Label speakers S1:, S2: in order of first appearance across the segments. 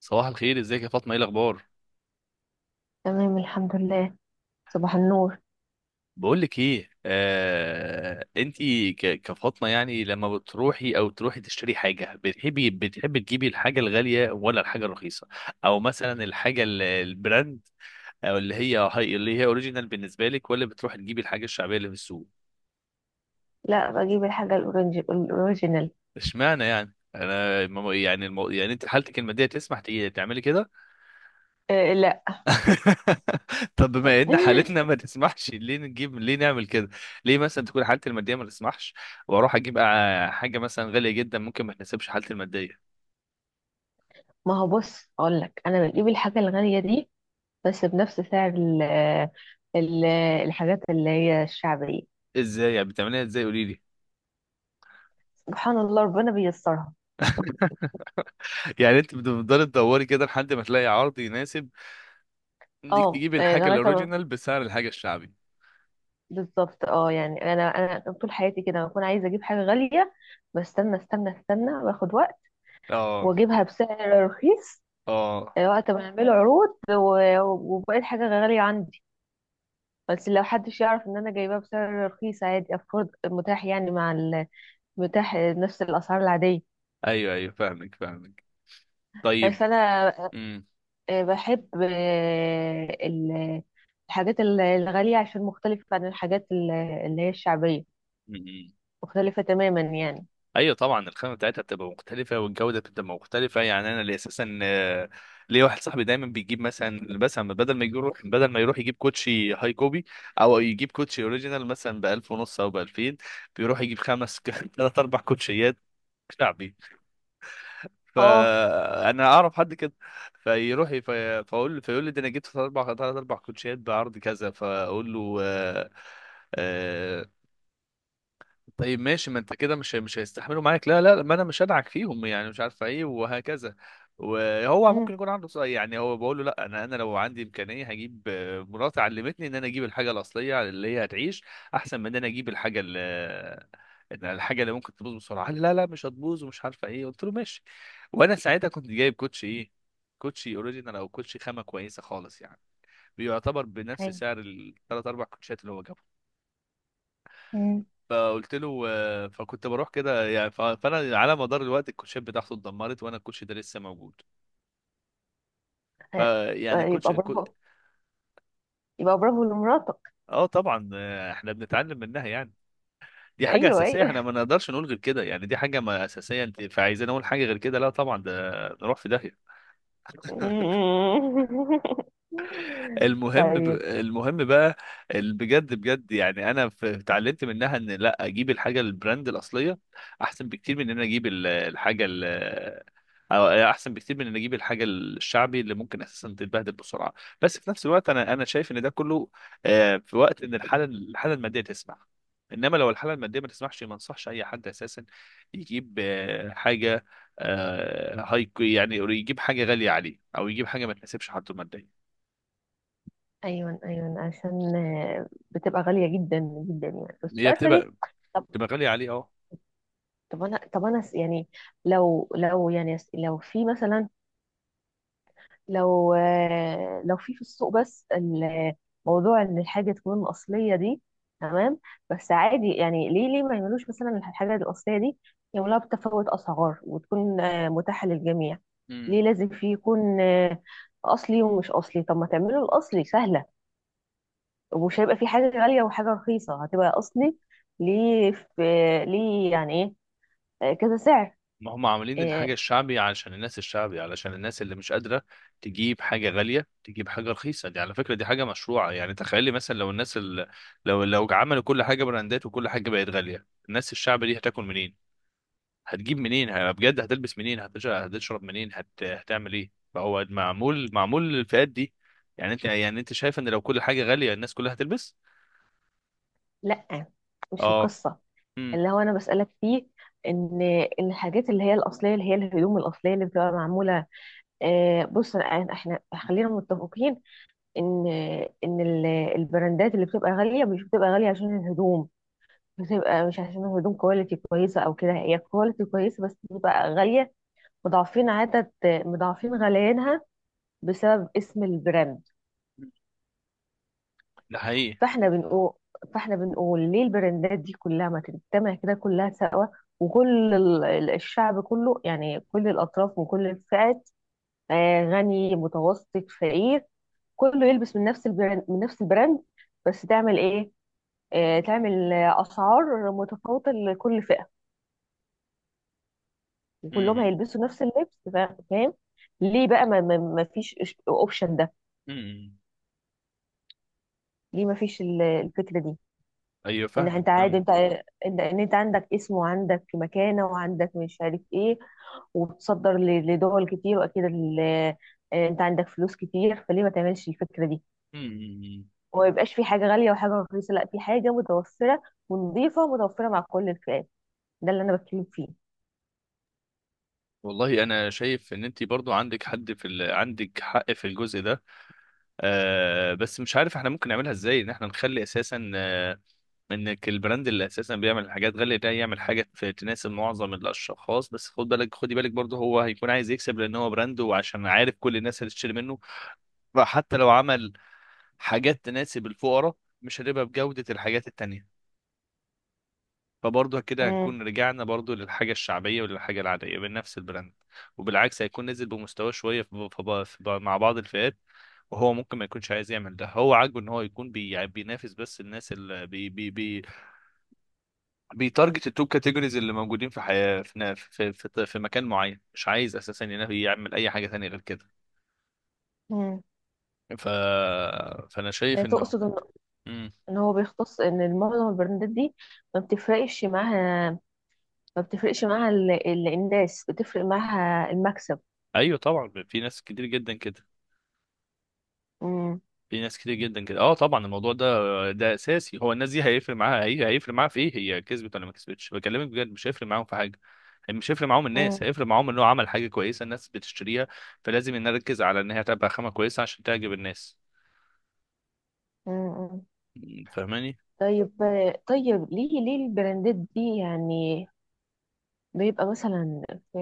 S1: صباح الخير، ازيك يا فاطمه؟ ايه الاخبار؟
S2: تمام، الحمد لله. صباح النور.
S1: بقول لك ايه، كفاطمه يعني، لما بتروحي او تروحي تشتري حاجه، بتحبي تجيبي الحاجه الغاليه ولا الحاجه الرخيصه؟ او مثلا البراند، او اللي هي هاي اللي هي اوريجينال بالنسبه لك، ولا بتروحي تجيبي الحاجه الشعبيه اللي في السوق؟
S2: لا، بجيب الحاجة الأورنج الأوريجينال.
S1: اشمعنى يعني؟ انا يعني يعني انت حالتك الماديه تسمح تعملي كده.
S2: إيه، لا.
S1: طب بما ان حالتنا ما تسمحش، ليه نجيب، ليه نعمل كده؟ ليه مثلا تكون حالتي الماديه ما تسمحش واروح اجيب حاجه مثلا غاليه جدا ممكن ما تناسبش حالتي الماديه؟
S2: ما هو بص أقول لك أنا بجيب الحاجة الغالية دي، بس بنفس سعر ال ال الحاجات اللي هي الشعبية.
S1: ازاي يعني بتعمليها؟ ازاي؟ قولي لي.
S2: سبحان الله، ربنا بيسرها.
S1: يعني انت بتفضلي تدوري كده لحد ما تلاقي عرض يناسب انك
S2: اه،
S1: تجيبي
S2: إيه،
S1: الحاجه
S2: لغاية ما
S1: الاوريجينال بسعر الحاجه الشعبي.
S2: بالظبط. اه، يعني أنا طول حياتي كده بكون عايزة أجيب حاجة غالية. بستنى استنى استنى باخد وقت
S1: اه.
S2: وأجيبها بسعر رخيص.
S1: اه.
S2: إيه، وقت ما يعملوا عروض وبقت حاجة غالية عندي. بس لو حدش يعرف ان انا جايباه بسعر رخيص عادي، افورد، متاح يعني متاح نفس الاسعار العاديه.
S1: ايوه ايوه، فاهمك فاهمك. طيب.
S2: فانا
S1: امم.
S2: بحب الحاجات الغاليه عشان مختلفه عن الحاجات اللي هي الشعبيه.
S1: إمم. إمم.
S2: مختلفه تماما يعني.
S1: ايوه طبعا، الخامه بتاعتها بتبقى مختلفه والجوده بتبقى مختلفه. يعني انا اللي اساسا ليا واحد صاحبي دايما بيجيب، مثلا بدل ما يروح يجيب كوتشي هاي كوبي، او يجيب كوتشي اوريجينال مثلا ب 1000 ونص او ب 2000، بيروح يجيب خمس ثلاث اربع كوتشيات شعبي.
S2: اه.
S1: فانا اعرف حد كده، فاقول له، فيقول لي ده انا جبت ثلاث اربع كوتشيات بعرض كذا، فاقول له آه، طيب ماشي، ما انت كده مش هيستحملوا معاك. لا لا لا، ما انا مش هدعك فيهم يعني، مش عارفه ايه وهكذا. وهو
S2: امم.
S1: ممكن يكون عنده يعني هو بقول له لا، انا لو عندي امكانيه هجيب، مراتي علمتني ان انا اجيب الحاجه الاصليه اللي هي هتعيش احسن من ان انا اجيب الحاجه اللي، إن الحاجه اللي ممكن تبوظ بسرعه. قال لي لا لا، مش هتبوظ ومش عارفه ايه. قلت له ماشي. وانا ساعتها كنت جايب كوتشي ايه؟ كوتشي اوريجينال او كوتشي خامه كويسه خالص يعني، بيعتبر بنفس
S2: اي.
S1: سعر الثلاث اربع كوتشات اللي هو جابهم.
S2: امم.
S1: فقلت له فكنت بروح كده يعني. فانا على مدار الوقت، الكوتشات بتاعته اتدمرت وانا الكوتش ده لسه موجود.
S2: آه،
S1: فيعني الكوتش
S2: يبقى
S1: الكو-
S2: برافو، يبقى برافو لمراتك.
S1: اه طبعا، احنا بنتعلم منها يعني. دي حاجة
S2: ايوه،
S1: أساسية، احنا
S2: ايوه.
S1: ما نقدرش نقول غير كده يعني. دي حاجة ما أساسية، انت فعايزين نقول حاجة غير كده؟ لا طبعا، ده نروح في داهية.
S2: طيب.
S1: المهم بقى بجد بجد يعني. انا اتعلمت منها ان لا، اجيب الحاجه البراند الاصليه احسن بكتير من ان انا اجيب أو احسن بكتير من ان اجيب الحاجه الشعبي اللي ممكن اساسا تتبهدل بسرعه. بس في نفس الوقت، انا شايف ان ده كله في وقت ان الحاله الماديه تسمح. انما لو الحاله الماديه ما تسمحش، ما انصحش اي حد اساسا يجيب حاجه هاي يعني، يجيب حاجه غاليه عليه او يجيب حاجه ما تناسبش حالته الماديه.
S2: ايوه، ايوه، عشان بتبقى غاليه جدا جدا، يعني بس مش
S1: هي
S2: عارفه ليه.
S1: بتبقى
S2: طب،
S1: تبقى غالية عليه، اه.
S2: يعني لو في مثلا، لو في السوق، بس الموضوع ان الحاجه تكون اصليه دي، تمام. بس عادي، يعني ليه ما يعملوش مثلا الحاجه الاصليه دي، يعملوها بتفاوت اسعار وتكون متاحه للجميع؟
S1: امم.
S2: ليه لازم في يكون اصلي ومش اصلي؟ طب ما تعملوا الاصلي سهله، ومش هيبقى في حاجة غالية وحاجة رخيصة، هتبقى أصلي. ليه في؟ ليه يعني إيه كذا سعر؟
S1: ما هم عاملين الحاجة
S2: إيه،
S1: الشعبي علشان الناس الشعبي، علشان الناس اللي مش قادرة تجيب حاجة غالية تجيب حاجة رخيصة. دي على فكرة دي حاجة مشروعة يعني. تخيلي مثلا لو الناس لو عملوا كل حاجة براندات وكل حاجة بقت غالية، الناس الشعبي دي هتاكل منين؟ هتجيب منين؟ بجد هتلبس منين؟ هتشرب منين؟ هتعمل ايه؟ فهو معمول، معمول للفئات دي. يعني انت شايف ان لو كل حاجة غالية الناس كلها هتلبس؟
S2: لأ، مش
S1: اه.
S2: القصة.
S1: امم.
S2: اللي هو أنا بسألك فيه إن إن الحاجات اللي هي الأصلية، اللي هي الهدوم الأصلية اللي بتبقى معمولة، إيه. بص، إحنا خلينا متفقين إن إن البراندات اللي بتبقى غالية مش بتبقى غالية عشان الهدوم. بتبقى مش عشان الهدوم كواليتي كويسة أو كده، هي كواليتي كويسة، بس بتبقى غالية، مضاعفين عدد مضاعفين غليانها بسبب اسم البراند.
S1: ده حقيقي.
S2: فاحنا بنقول فاحنا بنقول ليه البراندات دي كلها ما تجتمع كده كلها سوا، وكل الشعب كله، يعني كل الأطراف وكل الفئات، غني، متوسط، فقير، كله يلبس من نفس البراند، من نفس البراند. بس تعمل ايه؟ تعمل أسعار متفاوتة لكل فئة، وكلهم
S1: امم.
S2: هيلبسوا نفس اللبس. فاهم؟ ليه بقى ما فيش اوبشن ده؟
S1: امم.
S2: ليه ما فيش الفكرة دي؟
S1: ايوه
S2: ان
S1: فاهمك
S2: انت عادي،
S1: فاهمك.
S2: انت ان إن انت عندك اسم، وعندك مكانه، وعندك مش عارف ايه، وتصدر لدول كتير، واكيد انت عندك فلوس كتير، فليه ما تعملش الفكره دي؟
S1: مم.
S2: وما يبقاش في حاجه غاليه وحاجه رخيصه، لا، في حاجه متوفره ونظيفه، ومتوفره مع كل الفئات. ده اللي انا بتكلم فيه.
S1: والله انا شايف ان انت برضو عندك حق في الجزء ده. آه بس مش عارف احنا ممكن نعملها ازاي ان احنا نخلي اساسا آه، انك البراند اللي اساسا بيعمل الحاجات غالية ده يعمل حاجة تناسب معظم الاشخاص. بس خد بالك، خدي بالك برضو، هو هيكون عايز يكسب لان هو براند وعشان عارف كل الناس اللي تشتري منه. فحتى لو عمل حاجات تناسب الفقراء، مش هتبقى بجودة الحاجات التانية. فبرضه كده
S2: مم.
S1: هنكون رجعنا برضه للحاجة الشعبية وللحاجة العادية بنفس البراند. وبالعكس، هيكون نزل بمستوى شوية في مع بعض الفئات. وهو ممكن ما يكونش عايز يعمل ده. هو عاجبه ان هو يكون يعني بينافس بس الناس اللي بيتارجت التوب كاتيجوريز اللي موجودين في حياة في مكان معين. مش عايز اساسا يعمل اي حاجة تانية غير كده.
S2: مم.
S1: ف... فانا شايف انه.
S2: تقصد ان
S1: مم.
S2: هو بيختص ان المعظم البراندات دي ما بتفرقش معاها، ما بتفرقش معاها الناس، بتفرق معاها المكسب.
S1: ايوه طبعا، في ناس كتير جدا كده.
S2: مم.
S1: اه طبعا الموضوع ده، ده اساسي. هو الناس دي هيفرق معاها، هي هيفرق معاها في ايه؟ هي كسبت ولا ما كسبتش؟ بكلمك بجد مش هيفرق معاهم في حاجه. يعني مش هيفرق معاهم، الناس
S2: مم.
S1: هيفرق معاهم انه عمل حاجه كويسه الناس بتشتريها. فلازم إن نركز على ان هي تبقى خامه كويسه عشان تعجب الناس.
S2: مم.
S1: م، فاهماني؟
S2: طيب. طيب، ليه البراندات دي يعني بيبقى مثلا في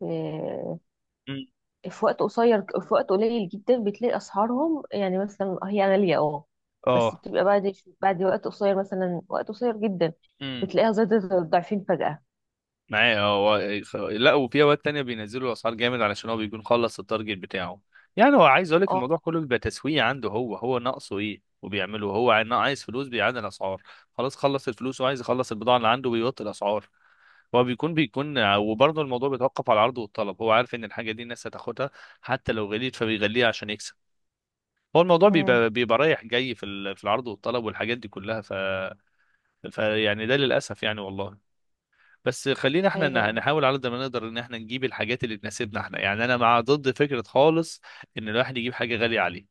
S2: في
S1: م،
S2: وقت قصير، في وقت قليل جدا بتلاقي اسعارهم، يعني مثلا هي غالية، اه، بس
S1: اه
S2: بتبقى بعد، وقت قصير مثلا، وقت قصير جدا بتلاقيها زادت ضعفين فجأة.
S1: معايا هو. لا، وفي اوقات تانية بينزلوا الاسعار جامد علشان هو بيكون خلص التارجت بتاعه. يعني هو عايز اقول لك،
S2: اه.
S1: الموضوع كله بيبقى تسويق عنده. هو هو ناقصه ايه وبيعمله. هو عايز فلوس بيعلي الاسعار. خلاص خلص الفلوس وعايز يخلص البضاعة اللي عنده، بيوطي الاسعار. هو بيكون وبرضه الموضوع بيتوقف على العرض والطلب. هو عارف ان الحاجة دي الناس هتاخدها حتى لو غليت، فبيغليها عشان يكسب. هو الموضوع
S2: مم.
S1: بيبقى رايح جاي في في العرض والطلب والحاجات دي كلها. ف يعني ده للاسف يعني، والله. بس خلينا احنا
S2: ايوه،
S1: نحاول على قد ما نقدر ان احنا نجيب الحاجات اللي تناسبنا احنا. يعني انا مع ضد فكره خالص ان الواحد يجيب حاجه غاليه عليه.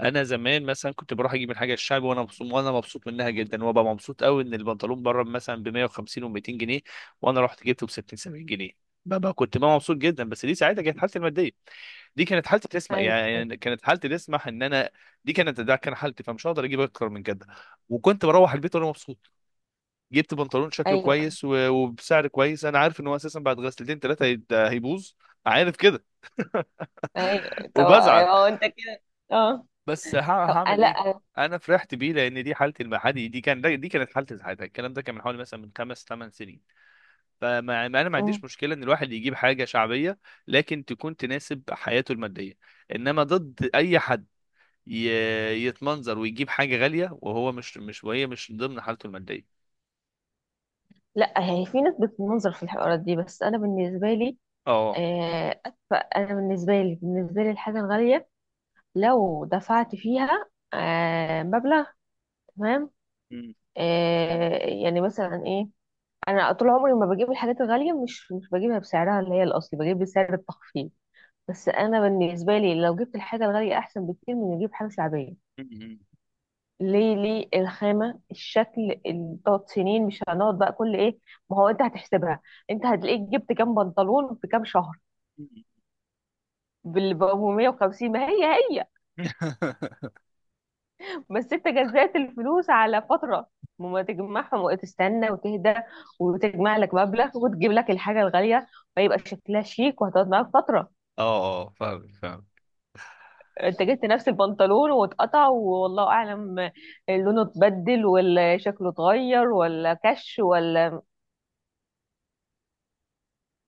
S1: انا زمان مثلا كنت بروح اجيب الحاجه الشعبي وانا مبسوط، وانا مبسوط منها جدا، وابقى مبسوط قوي ان البنطلون بره مثلا ب 150 و200 جنيه، وانا رحت جبته ب 60 70 جنيه. بابا كنت بقى مبسوط جدا. بس دي ساعتها كانت حالتي الماديه، دي كانت حالتي تسمح
S2: ايوه، ايوه،
S1: يعني. كانت حالتي تسمح ان انا، دي كانت، ده كان حالتي، فمش هقدر اجيب اكتر من كده. وكنت بروح البيت وانا مبسوط، جبت بنطلون شكله
S2: ايوه،
S1: كويس وبسعر كويس. انا عارف ان هو اساسا بعد غسلتين ثلاثه هيبوظ، عارف كده.
S2: ايوه. طب
S1: وبزعل،
S2: هو انت كده؟ اه.
S1: بس
S2: طب،
S1: هعمل ايه؟
S2: لا.
S1: انا فرحت بيه لان دي حالتي المحلي، دي كان، دي كانت حالتي ساعتها. الكلام ده كان من حوالي مثلا من خمس ثمان سنين. فما ما انا ما
S2: مم.
S1: عنديش مشكله ان الواحد يجيب حاجه شعبيه لكن تكون تناسب حياته الماديه. انما ضد اي حد يتمنظر ويجيب حاجه غاليه وهو مش وهي مش ضمن حالته الماديه.
S2: لا، هي في ناس بتنظر في الحوارات دي، بس انا بالنسبة لي
S1: اه.
S2: أدفع. أنا بالنسبة لي، الحاجة الغالية لو دفعت فيها مبلغ، تمام، يعني مثلا إيه. أنا طول عمري ما بجيب الحاجات الغالية، مش بجيبها بسعرها اللي هي الأصلي، بجيب بسعر التخفيض. بس أنا بالنسبة لي لو جبت الحاجة الغالية أحسن بكتير من إني أجيب حاجة شعبية. ليه الخامة، الشكل، تقعد سنين، مش هنقعد بقى كل إيه. ما هو أنت هتحسبها، أنت هتلاقيك جبت كام بنطلون في كام شهر بال 450، ما هي هي. بس انت جزأت الفلوس على فترة، وما تجمعهم وتستنى وتهدى وتجمع لك مبلغ وتجيب لك الحاجة الغالية، فيبقى شكلها شيك وهتقعد معاك فترة.
S1: اه. اه. فاهمك فاهمك
S2: انت جبت نفس البنطلون واتقطع والله اعلم، لونه اتبدل، ولا شكله اتغير، ولا كش، ولا.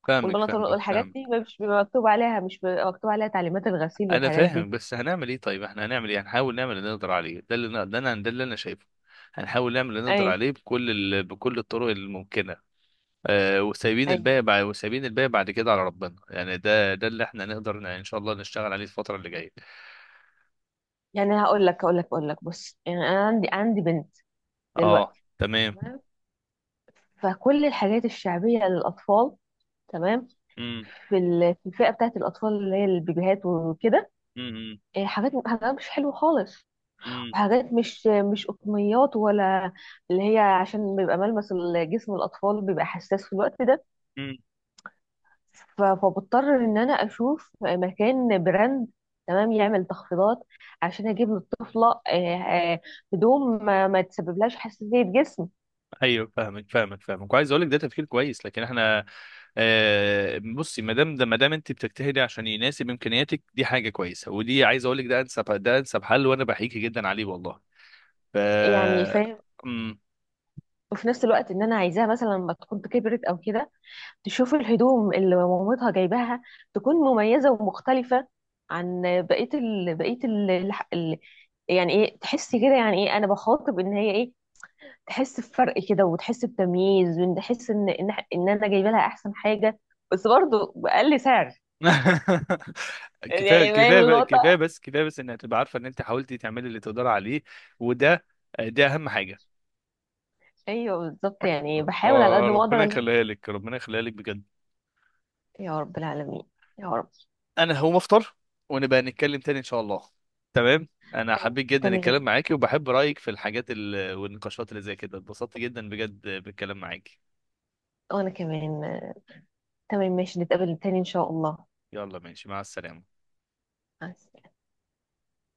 S1: فاهمك
S2: والبنطلون
S1: فاهمك
S2: والحاجات دي
S1: فاهمك
S2: مش بيبقى مكتوب عليها تعليمات الغسيل
S1: انا
S2: والحاجات دي.
S1: فاهم بس هنعمل ايه؟ طيب احنا هنعمل ايه؟ هنحاول نعمل اللي نقدر عليه. ده ده انا ده اللي انا شايفه. هنحاول نعمل اللي نقدر
S2: اي.
S1: عليه بكل بكل الطرق الممكنه. آه، وسايبين
S2: اي.
S1: الباقي بعد، وسايبين الباقي بعد كده على ربنا يعني. ده اللي احنا نقدر ان شاء الله نشتغل عليه الفتره اللي جايه.
S2: يعني هقول لك، بص، يعني انا عندي بنت
S1: اه.
S2: دلوقتي،
S1: تمام.
S2: تمام. فكل الحاجات الشعبية للأطفال، تمام،
S1: امم.
S2: في الفئه بتاعت الاطفال اللي هي البيبيهات وكده،
S1: امم. إمم.
S2: إيه، حاجات مش حلوه خالص،
S1: إمم.
S2: وحاجات مش قطنيات ولا، اللي هي عشان بيبقى ملمس جسم الاطفال بيبقى حساس في الوقت ده.
S1: إمم.
S2: فبضطر ان انا اشوف مكان براند، تمام، يعمل تخفيضات، عشان اجيب للطفله هدوم ما تسببلهاش حساسيه جسم.
S1: ايوه فاهمك فاهمك فاهمك. وعايز اقول لك ده تفكير كويس، لكن احنا بصي. ما دام ده، ما دام انت بتجتهدي عشان يناسب امكانياتك، دي حاجه كويسه. ودي عايز اقول لك ده انسب، ده انسب حل، وانا بحييكي جدا عليه والله. ف.
S2: يعني فاهم؟
S1: أمم.
S2: وفي نفس الوقت ان انا عايزاها مثلا لما تكون كبرت او كده تشوف الهدوم اللي مامتها جايباها تكون مميزة ومختلفة عن بقية ال... بقية ال... الح- ال... يعني ايه، تحسي كده، يعني ايه انا بخاطب ان هي ايه، تحس بفرق كده، وتحس بتمييز، وتحس ان انا جايبه لها احسن حاجة، بس برضه بأقل سعر.
S1: كفايه
S2: يعني فاهم
S1: كفايه بقى- كفايه
S2: النقطة؟
S1: بس كفايه بس انك تبقى عارفه ان انت حاولتي تعملي اللي تقدري عليه. وده، ده اهم حاجه.
S2: ايوه، بالظبط، يعني بحاول على قد ما اقدر
S1: فربنا
S2: ان.
S1: يخليها لك، ربنا يخليها لك بجد.
S2: يا رب العالمين، يا رب.
S1: انا هقوم افطر، ونبقى نتكلم تاني ان شاء الله. تمام. انا حبيت جدا الكلام
S2: تمام.
S1: معاكي، وبحب رايك في الحاجات والنقاشات اللي زي كده. اتبسطت جدا بجد بالكلام معاكي.
S2: وانا كمان. تمام، ماشي، نتقابل تاني ان شاء الله.
S1: يلا ماشي، مع السلامة.
S2: مع السلامة.